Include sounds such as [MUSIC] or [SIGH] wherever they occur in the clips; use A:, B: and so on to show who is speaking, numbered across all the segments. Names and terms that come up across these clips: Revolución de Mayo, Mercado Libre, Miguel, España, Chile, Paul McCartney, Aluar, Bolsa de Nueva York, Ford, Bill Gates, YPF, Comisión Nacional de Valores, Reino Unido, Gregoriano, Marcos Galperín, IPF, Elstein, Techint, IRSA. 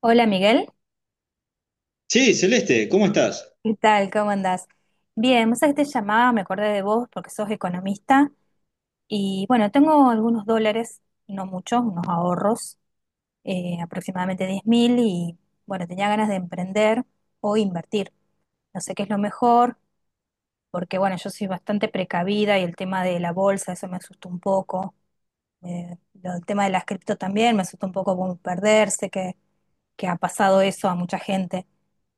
A: Hola, Miguel,
B: Sí, Celeste, ¿cómo estás?
A: ¿qué tal? ¿Cómo andás? Bien, vos sabés que te llamaba, me acordé de vos porque sos economista y bueno, tengo algunos dólares, no muchos, unos ahorros, aproximadamente 10.000 y bueno, tenía ganas de emprender o invertir. No sé qué es lo mejor porque bueno, yo soy bastante precavida y el tema de la bolsa, eso me asustó un poco. Eh, el tema de las cripto también me asustó un poco, como perderse, que ha pasado eso a mucha gente.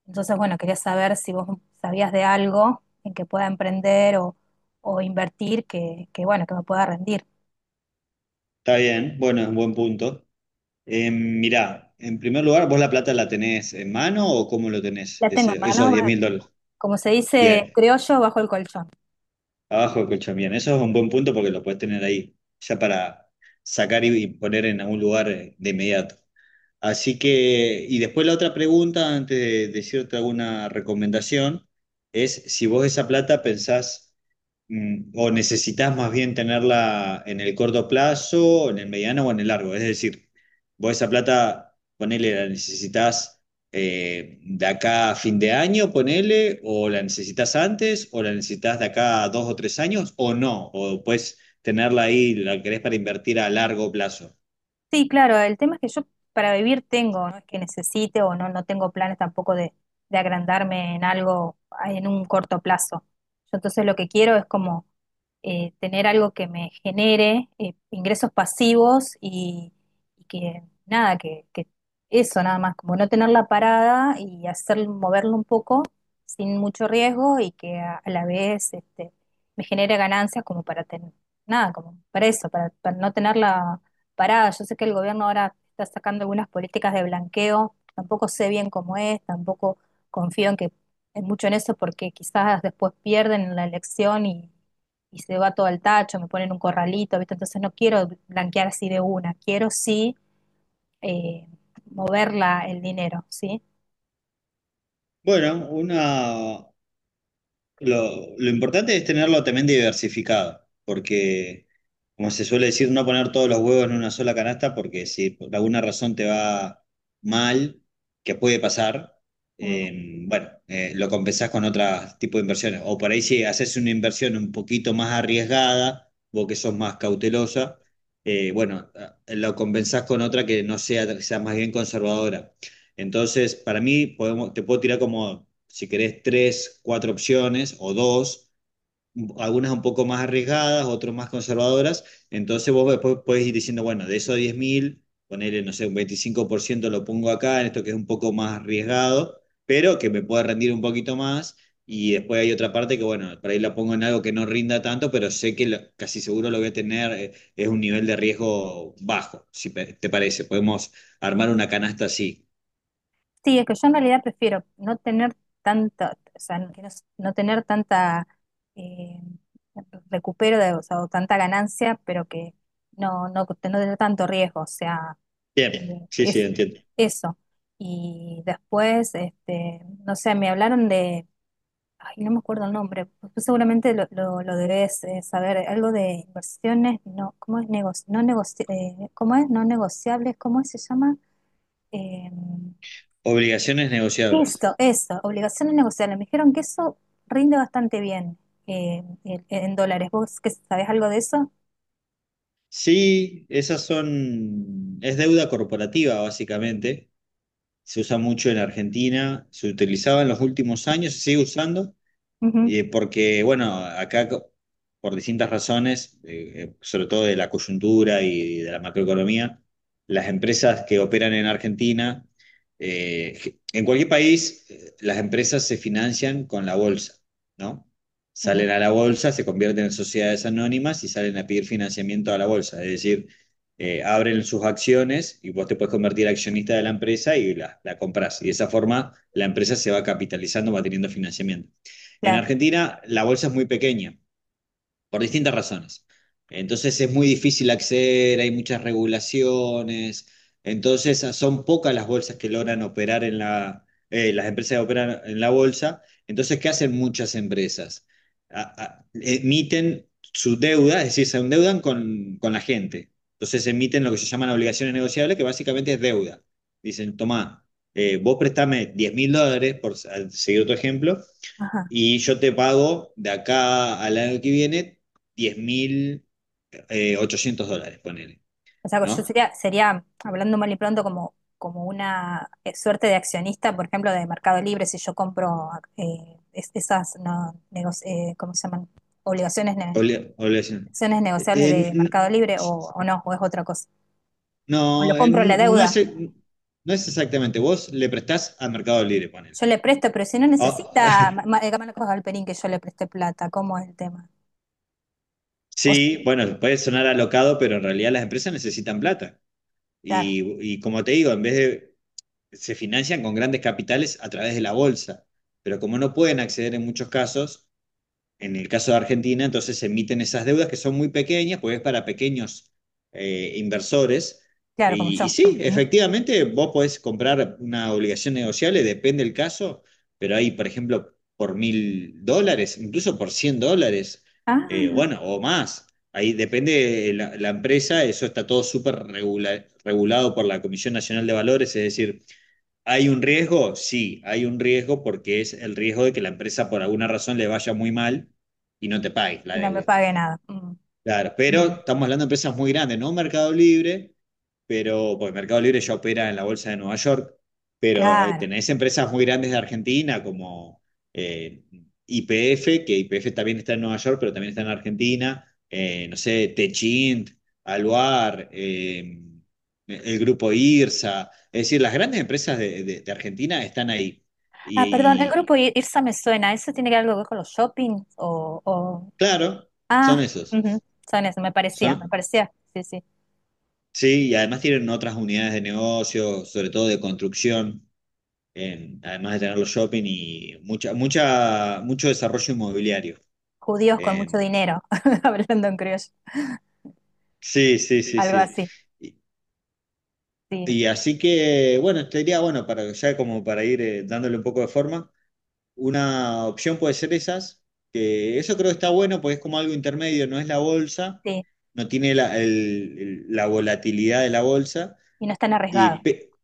A: Entonces, bueno, quería saber si vos sabías de algo en que pueda emprender o invertir que, bueno, que me pueda rendir.
B: Está bien, bueno, es un buen punto. Mirá, en primer lugar, ¿vos la plata la tenés en mano o cómo lo tenés?
A: La tengo en
B: Esos
A: mano,
B: diez mil dólares.
A: como se dice en
B: Bien,
A: criollo, bajo el colchón.
B: abajo del colchón, bien. Eso es un buen punto porque lo puedes tener ahí, ya para sacar y poner en algún lugar de inmediato. Así que, y después la otra pregunta, antes de decirte alguna recomendación, es si vos esa plata pensás, o necesitas más bien tenerla en el corto plazo, en el mediano o en el largo. Es decir, vos esa plata, ponele, la necesitas de acá a fin de año, ponele, o la necesitas antes, o la necesitas de acá a 2 o 3 años, o no, o puedes tenerla ahí, la querés para invertir a largo plazo.
A: Sí, claro, el tema es que yo para vivir tengo, no es que necesite o no, no tengo planes tampoco de, agrandarme en algo en un corto plazo. Yo entonces lo que quiero es como tener algo que me genere ingresos pasivos y, que nada, que, eso nada más, como no tener la parada y hacer moverlo un poco sin mucho riesgo y que a, la vez me genere ganancias como para tener, nada, como para eso, para, no tener la parada. Yo sé que el gobierno ahora está sacando algunas políticas de blanqueo, tampoco sé bien cómo es, tampoco confío en que en mucho en eso porque quizás después pierden en la elección y se va todo al tacho, me ponen un corralito, ¿viste? Entonces no quiero blanquear así de una, quiero sí, eh, moverla el dinero, ¿sí?
B: Bueno, lo importante es tenerlo también diversificado, porque, como se suele decir, no poner todos los huevos en una sola canasta, porque si por alguna razón te va mal, que puede pasar,
A: Mm.
B: bueno, lo compensás con otro tipo de inversiones. O por ahí si haces una inversión un poquito más arriesgada, vos que sos más cautelosa, bueno, lo compensás con otra que no sea, que sea más bien conservadora. Entonces, para mí, podemos, te puedo tirar como, si querés, tres, cuatro opciones o dos, algunas un poco más arriesgadas, otras más conservadoras. Entonces, vos después podés ir diciendo, bueno, de esos 10.000 ponerle, no sé, un 25% lo pongo acá, en esto que es un poco más arriesgado, pero que me pueda rendir un poquito más. Y después hay otra parte que, bueno, por ahí la pongo en algo que no rinda tanto, pero sé que casi seguro lo voy a tener, es un nivel de riesgo bajo, si te parece. Podemos armar una canasta así.
A: Sí, es que yo en realidad prefiero no tener tanta, o sea, que no, no tener tanta, eh, recupero de, o sea, o tanta ganancia, pero que no, no, no tener tanto riesgo, o sea,
B: Bien, sí,
A: eh,
B: sí,
A: Sí,
B: entiendo.
A: eso. Y después, no sé, me hablaron de, ay, no me acuerdo el nombre, pues tú seguramente lo, lo debes, saber, algo de inversiones, no, ¿cómo es? ¿Negocio? No negoci ¿Cómo es? ¿No negociables, cómo es? Se llama? Eh,
B: Obligaciones negociables.
A: eso, obligaciones negociables. Me dijeron que eso rinde bastante bien, en dólares. ¿Vos que sabés algo de eso?
B: Sí, esas son, es deuda corporativa básicamente. Se usa mucho en Argentina, se utilizaba en los últimos años, se sigue usando.
A: Ujú.
B: Porque, bueno, acá por distintas razones, sobre todo de la coyuntura y de la macroeconomía, las empresas que operan en Argentina, en cualquier país, las empresas se financian con la bolsa, ¿no?
A: Ujú,
B: Salen a la bolsa, se convierten en sociedades anónimas y salen a pedir financiamiento a la bolsa. Es decir, abren sus acciones y vos te puedes convertir accionista de la empresa y la compras. Y de esa forma la empresa se va capitalizando, va teniendo financiamiento. En
A: claro.
B: Argentina la bolsa es muy pequeña, por distintas razones. Entonces es muy difícil acceder, hay muchas regulaciones, entonces son pocas las bolsas que logran operar en las empresas que operan en la bolsa. Entonces, ¿qué hacen muchas empresas? A- Emiten su deuda, es decir, se endeudan con la gente. Entonces emiten lo que se llaman obligaciones negociables, que básicamente es deuda. Dicen, tomá, vos prestame $10.000, al seguir otro ejemplo,
A: Ajá.
B: y yo te pago de acá al año que viene diez mil $800, ponele,
A: O sea, yo
B: ¿no?
A: sería, hablando mal y pronto, como, una, suerte de accionista, por ejemplo, de Mercado Libre. Si yo compro, esas, no, ¿cómo se llaman? Obligaciones,
B: Obligación.
A: acciones
B: Eh,
A: negociables
B: eh,
A: de
B: n-
A: Mercado Libre, o no, o es otra cosa. O lo
B: no,
A: compro la
B: no
A: deuda.
B: es, no es exactamente, vos le prestás a Mercado Libre, ponele.
A: Yo le presto, pero si no
B: Oh,
A: necesita,
B: [LAUGHS]
A: Marcos Galperín, que yo le presté plata, ¿cómo es el tema? O
B: sí,
A: sea,
B: bueno, puede sonar alocado, pero en realidad las empresas necesitan plata.
A: claro,
B: Y como te digo, en vez de, se financian con grandes capitales a través de la bolsa, pero como no pueden acceder en muchos casos, en el caso de Argentina, entonces se emiten esas deudas que son muy pequeñas, pues es para pequeños inversores.
A: claro, como
B: Y,
A: yo.
B: y sí,
A: [LAUGHS]
B: efectivamente, vos podés comprar una obligación negociable, depende del caso, pero hay, por ejemplo, por $1.000, incluso por $100,
A: Ah,
B: bueno, o más. Ahí depende de la empresa, eso está todo súper regulado por la Comisión Nacional de Valores, es decir, ¿hay un riesgo? Sí, hay un riesgo porque es el riesgo de que la empresa por alguna razón le vaya muy mal y no te pague la
A: y no me
B: deuda.
A: pague nada. Mm,
B: Claro, pero
A: mm.
B: estamos hablando de empresas muy grandes, no Mercado Libre, pero porque Mercado Libre ya opera en la Bolsa de Nueva York, pero
A: Claro.
B: tenés empresas muy grandes de Argentina como IPF, que IPF también está en Nueva York, pero también está en Argentina, no sé, Techint, Aluar, el grupo IRSA, es decir, las grandes empresas de Argentina están ahí.
A: Ah, perdón, el
B: Y, y,
A: grupo IRSA me suena. ¿Eso tiene que ver algo con los shopping?
B: claro, son
A: Ah, ujú.
B: esos,
A: Son eso, me parecía,
B: son.
A: me parecía. Sí, sí.
B: Sí, y además tienen otras unidades de negocio, sobre todo de construcción, además de tener los shopping y mucho desarrollo inmobiliario.
A: Judíos con mucho
B: En-
A: dinero, [LAUGHS] hablando en criollo. Sí,
B: sí, sí,
A: sí,
B: sí,
A: algo
B: sí.
A: sí.
B: Y,
A: Sí. Así,
B: y
A: sí,
B: así que, bueno, te diría, bueno, para, ya como para ir dándole un poco de forma, una opción puede ser esas, que eso creo que está bueno, porque es como algo intermedio, no es la bolsa,
A: sí.
B: no tiene la volatilidad de la bolsa.
A: Y no están
B: Y
A: arriesgados.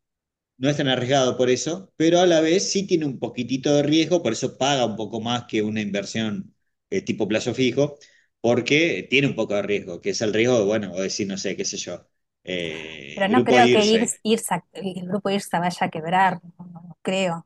B: no es tan arriesgado por eso, pero a la vez sí tiene un poquitito de riesgo, por eso paga un poco más que una inversión tipo plazo fijo, porque tiene un poco de riesgo, que es el riesgo, bueno, o decir, no sé, qué sé yo,
A: Pero no
B: grupo de
A: creo que
B: IRSA.
A: IRSA, el grupo IRSA vaya a quebrar, no, no creo.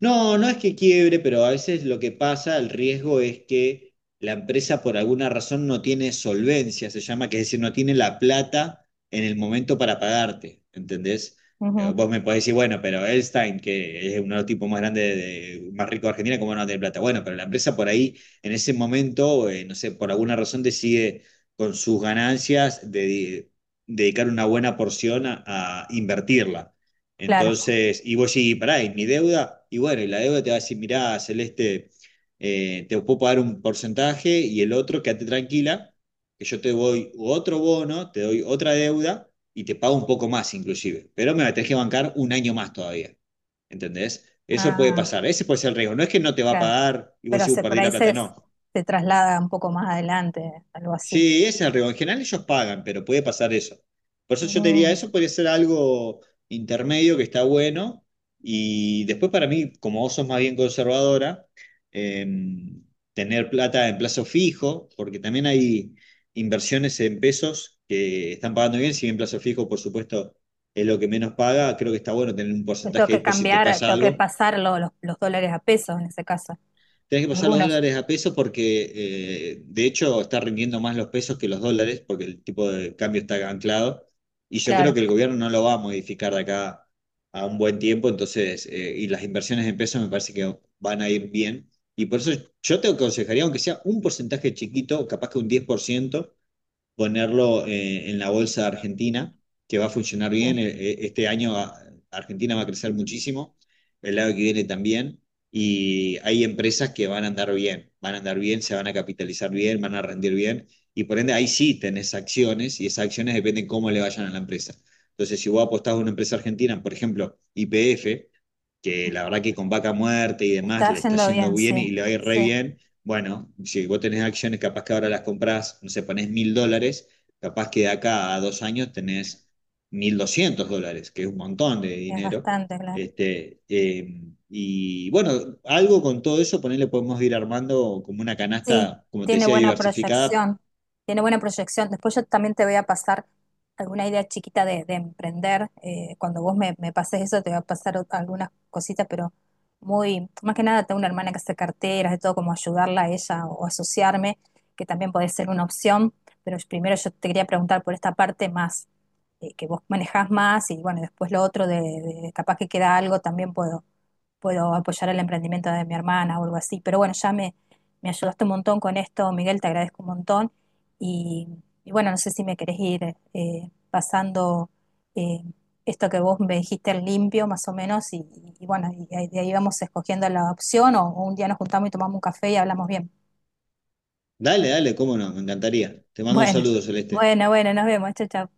B: No, no es que quiebre, pero a veces lo que pasa, el riesgo es que la empresa por alguna razón no tiene solvencia, se llama, que es decir, no tiene la plata en el momento para pagarte, ¿entendés?
A: Ujú.
B: Vos me podés decir, bueno, pero Elstein, que es uno de los tipos más grandes, más ricos de Argentina, ¿cómo no tiene plata? Bueno, pero la empresa por ahí, en ese momento, no sé, por alguna razón decide con sus ganancias dedicar una buena porción a invertirla.
A: Claro.
B: Entonces, y vos sí, pará, ¿y mi deuda? Y bueno, y la deuda te va a decir, mirá, Celeste, te puedo pagar un porcentaje y el otro, quédate tranquila, que yo te doy otro bono, te doy otra deuda y te pago un poco más inclusive, pero me la tenés que bancar un año más todavía, ¿entendés? Eso puede
A: Ah,
B: pasar, ese puede ser el riesgo, no es que no te va a
A: claro.
B: pagar y vos
A: Pero
B: sí,
A: se, por
B: perdí la
A: ahí
B: plata,
A: se,
B: no.
A: se traslada un poco más adelante, algo así.
B: Sí, es el riesgo. En general ellos pagan, pero puede pasar eso. Por eso yo te diría,
A: Mm.
B: eso podría ser algo intermedio que está bueno. Y después para mí, como vos sos más bien conservadora, em, tener plata en plazo fijo, porque también hay inversiones en pesos que están pagando bien, si bien plazo fijo, por supuesto, es lo que menos paga, creo que está bueno tener un
A: Pues tengo
B: porcentaje ahí
A: que
B: por si te
A: cambiar,
B: pasa
A: tengo que
B: algo.
A: pasar los dólares a pesos en ese caso.
B: Tenés que pasar los
A: Algunos,
B: dólares a pesos porque, de hecho, está rindiendo más los pesos que los dólares porque el tipo de cambio está anclado. Y yo creo
A: claro.
B: que el gobierno no lo va a modificar de acá a un buen tiempo. Entonces, y las inversiones en pesos me parece que van a ir bien. Y por eso yo te aconsejaría, aunque sea un porcentaje chiquito, capaz que un 10% ponerlo en la bolsa Argentina, que va a funcionar bien.
A: Sí.
B: Este año Argentina va a crecer muchísimo, el año que viene también, y hay empresas que van a andar bien, van a andar bien, se van a capitalizar bien, van a rendir bien, y por ende ahí sí tenés acciones, y esas acciones dependen cómo le vayan a la empresa. Entonces, si vos apostás a una empresa argentina, por ejemplo, YPF, que la verdad que con vaca muerte y demás
A: Está
B: le está
A: yendo
B: yendo
A: bien, sí.
B: bien y le va a ir re
A: Sí,
B: bien. Bueno, si vos tenés acciones, capaz que ahora las comprás, no sé, ponés $1.000, capaz que de acá a 2 años tenés $1.200, que es un montón de
A: es
B: dinero.
A: bastante, claro.
B: Este, y bueno, algo con todo eso, ponele, podemos ir armando como una
A: Sí,
B: canasta, como te
A: tiene
B: decía,
A: buena
B: diversificada.
A: proyección, tiene buena proyección. Después yo también te voy a pasar alguna idea chiquita de, emprender. Cuando vos me, pases eso, te voy a pasar, algunas cositas, pero más que nada, tengo una hermana que hace carteras, de todo, como ayudarla a ella o asociarme, que también puede ser una opción. Pero primero yo te quería preguntar por esta parte más, que vos manejás más, y bueno, después lo otro de, capaz que queda algo, también puedo, apoyar el emprendimiento de mi hermana o algo así. Pero bueno, ya me ayudaste un montón con esto, Miguel, te agradezco un montón. Y, y bueno, no sé si me querés ir, pasando, eh, esto que vos me dijiste al limpio, más o menos, y, bueno, y de ahí vamos escogiendo la opción, o un día nos juntamos y tomamos un café y hablamos bien.
B: Dale, dale, cómo no, me encantaría. Te mando un
A: Bueno,
B: saludo, Celeste.
A: bueno, bueno, nos vemos. Chao, chao.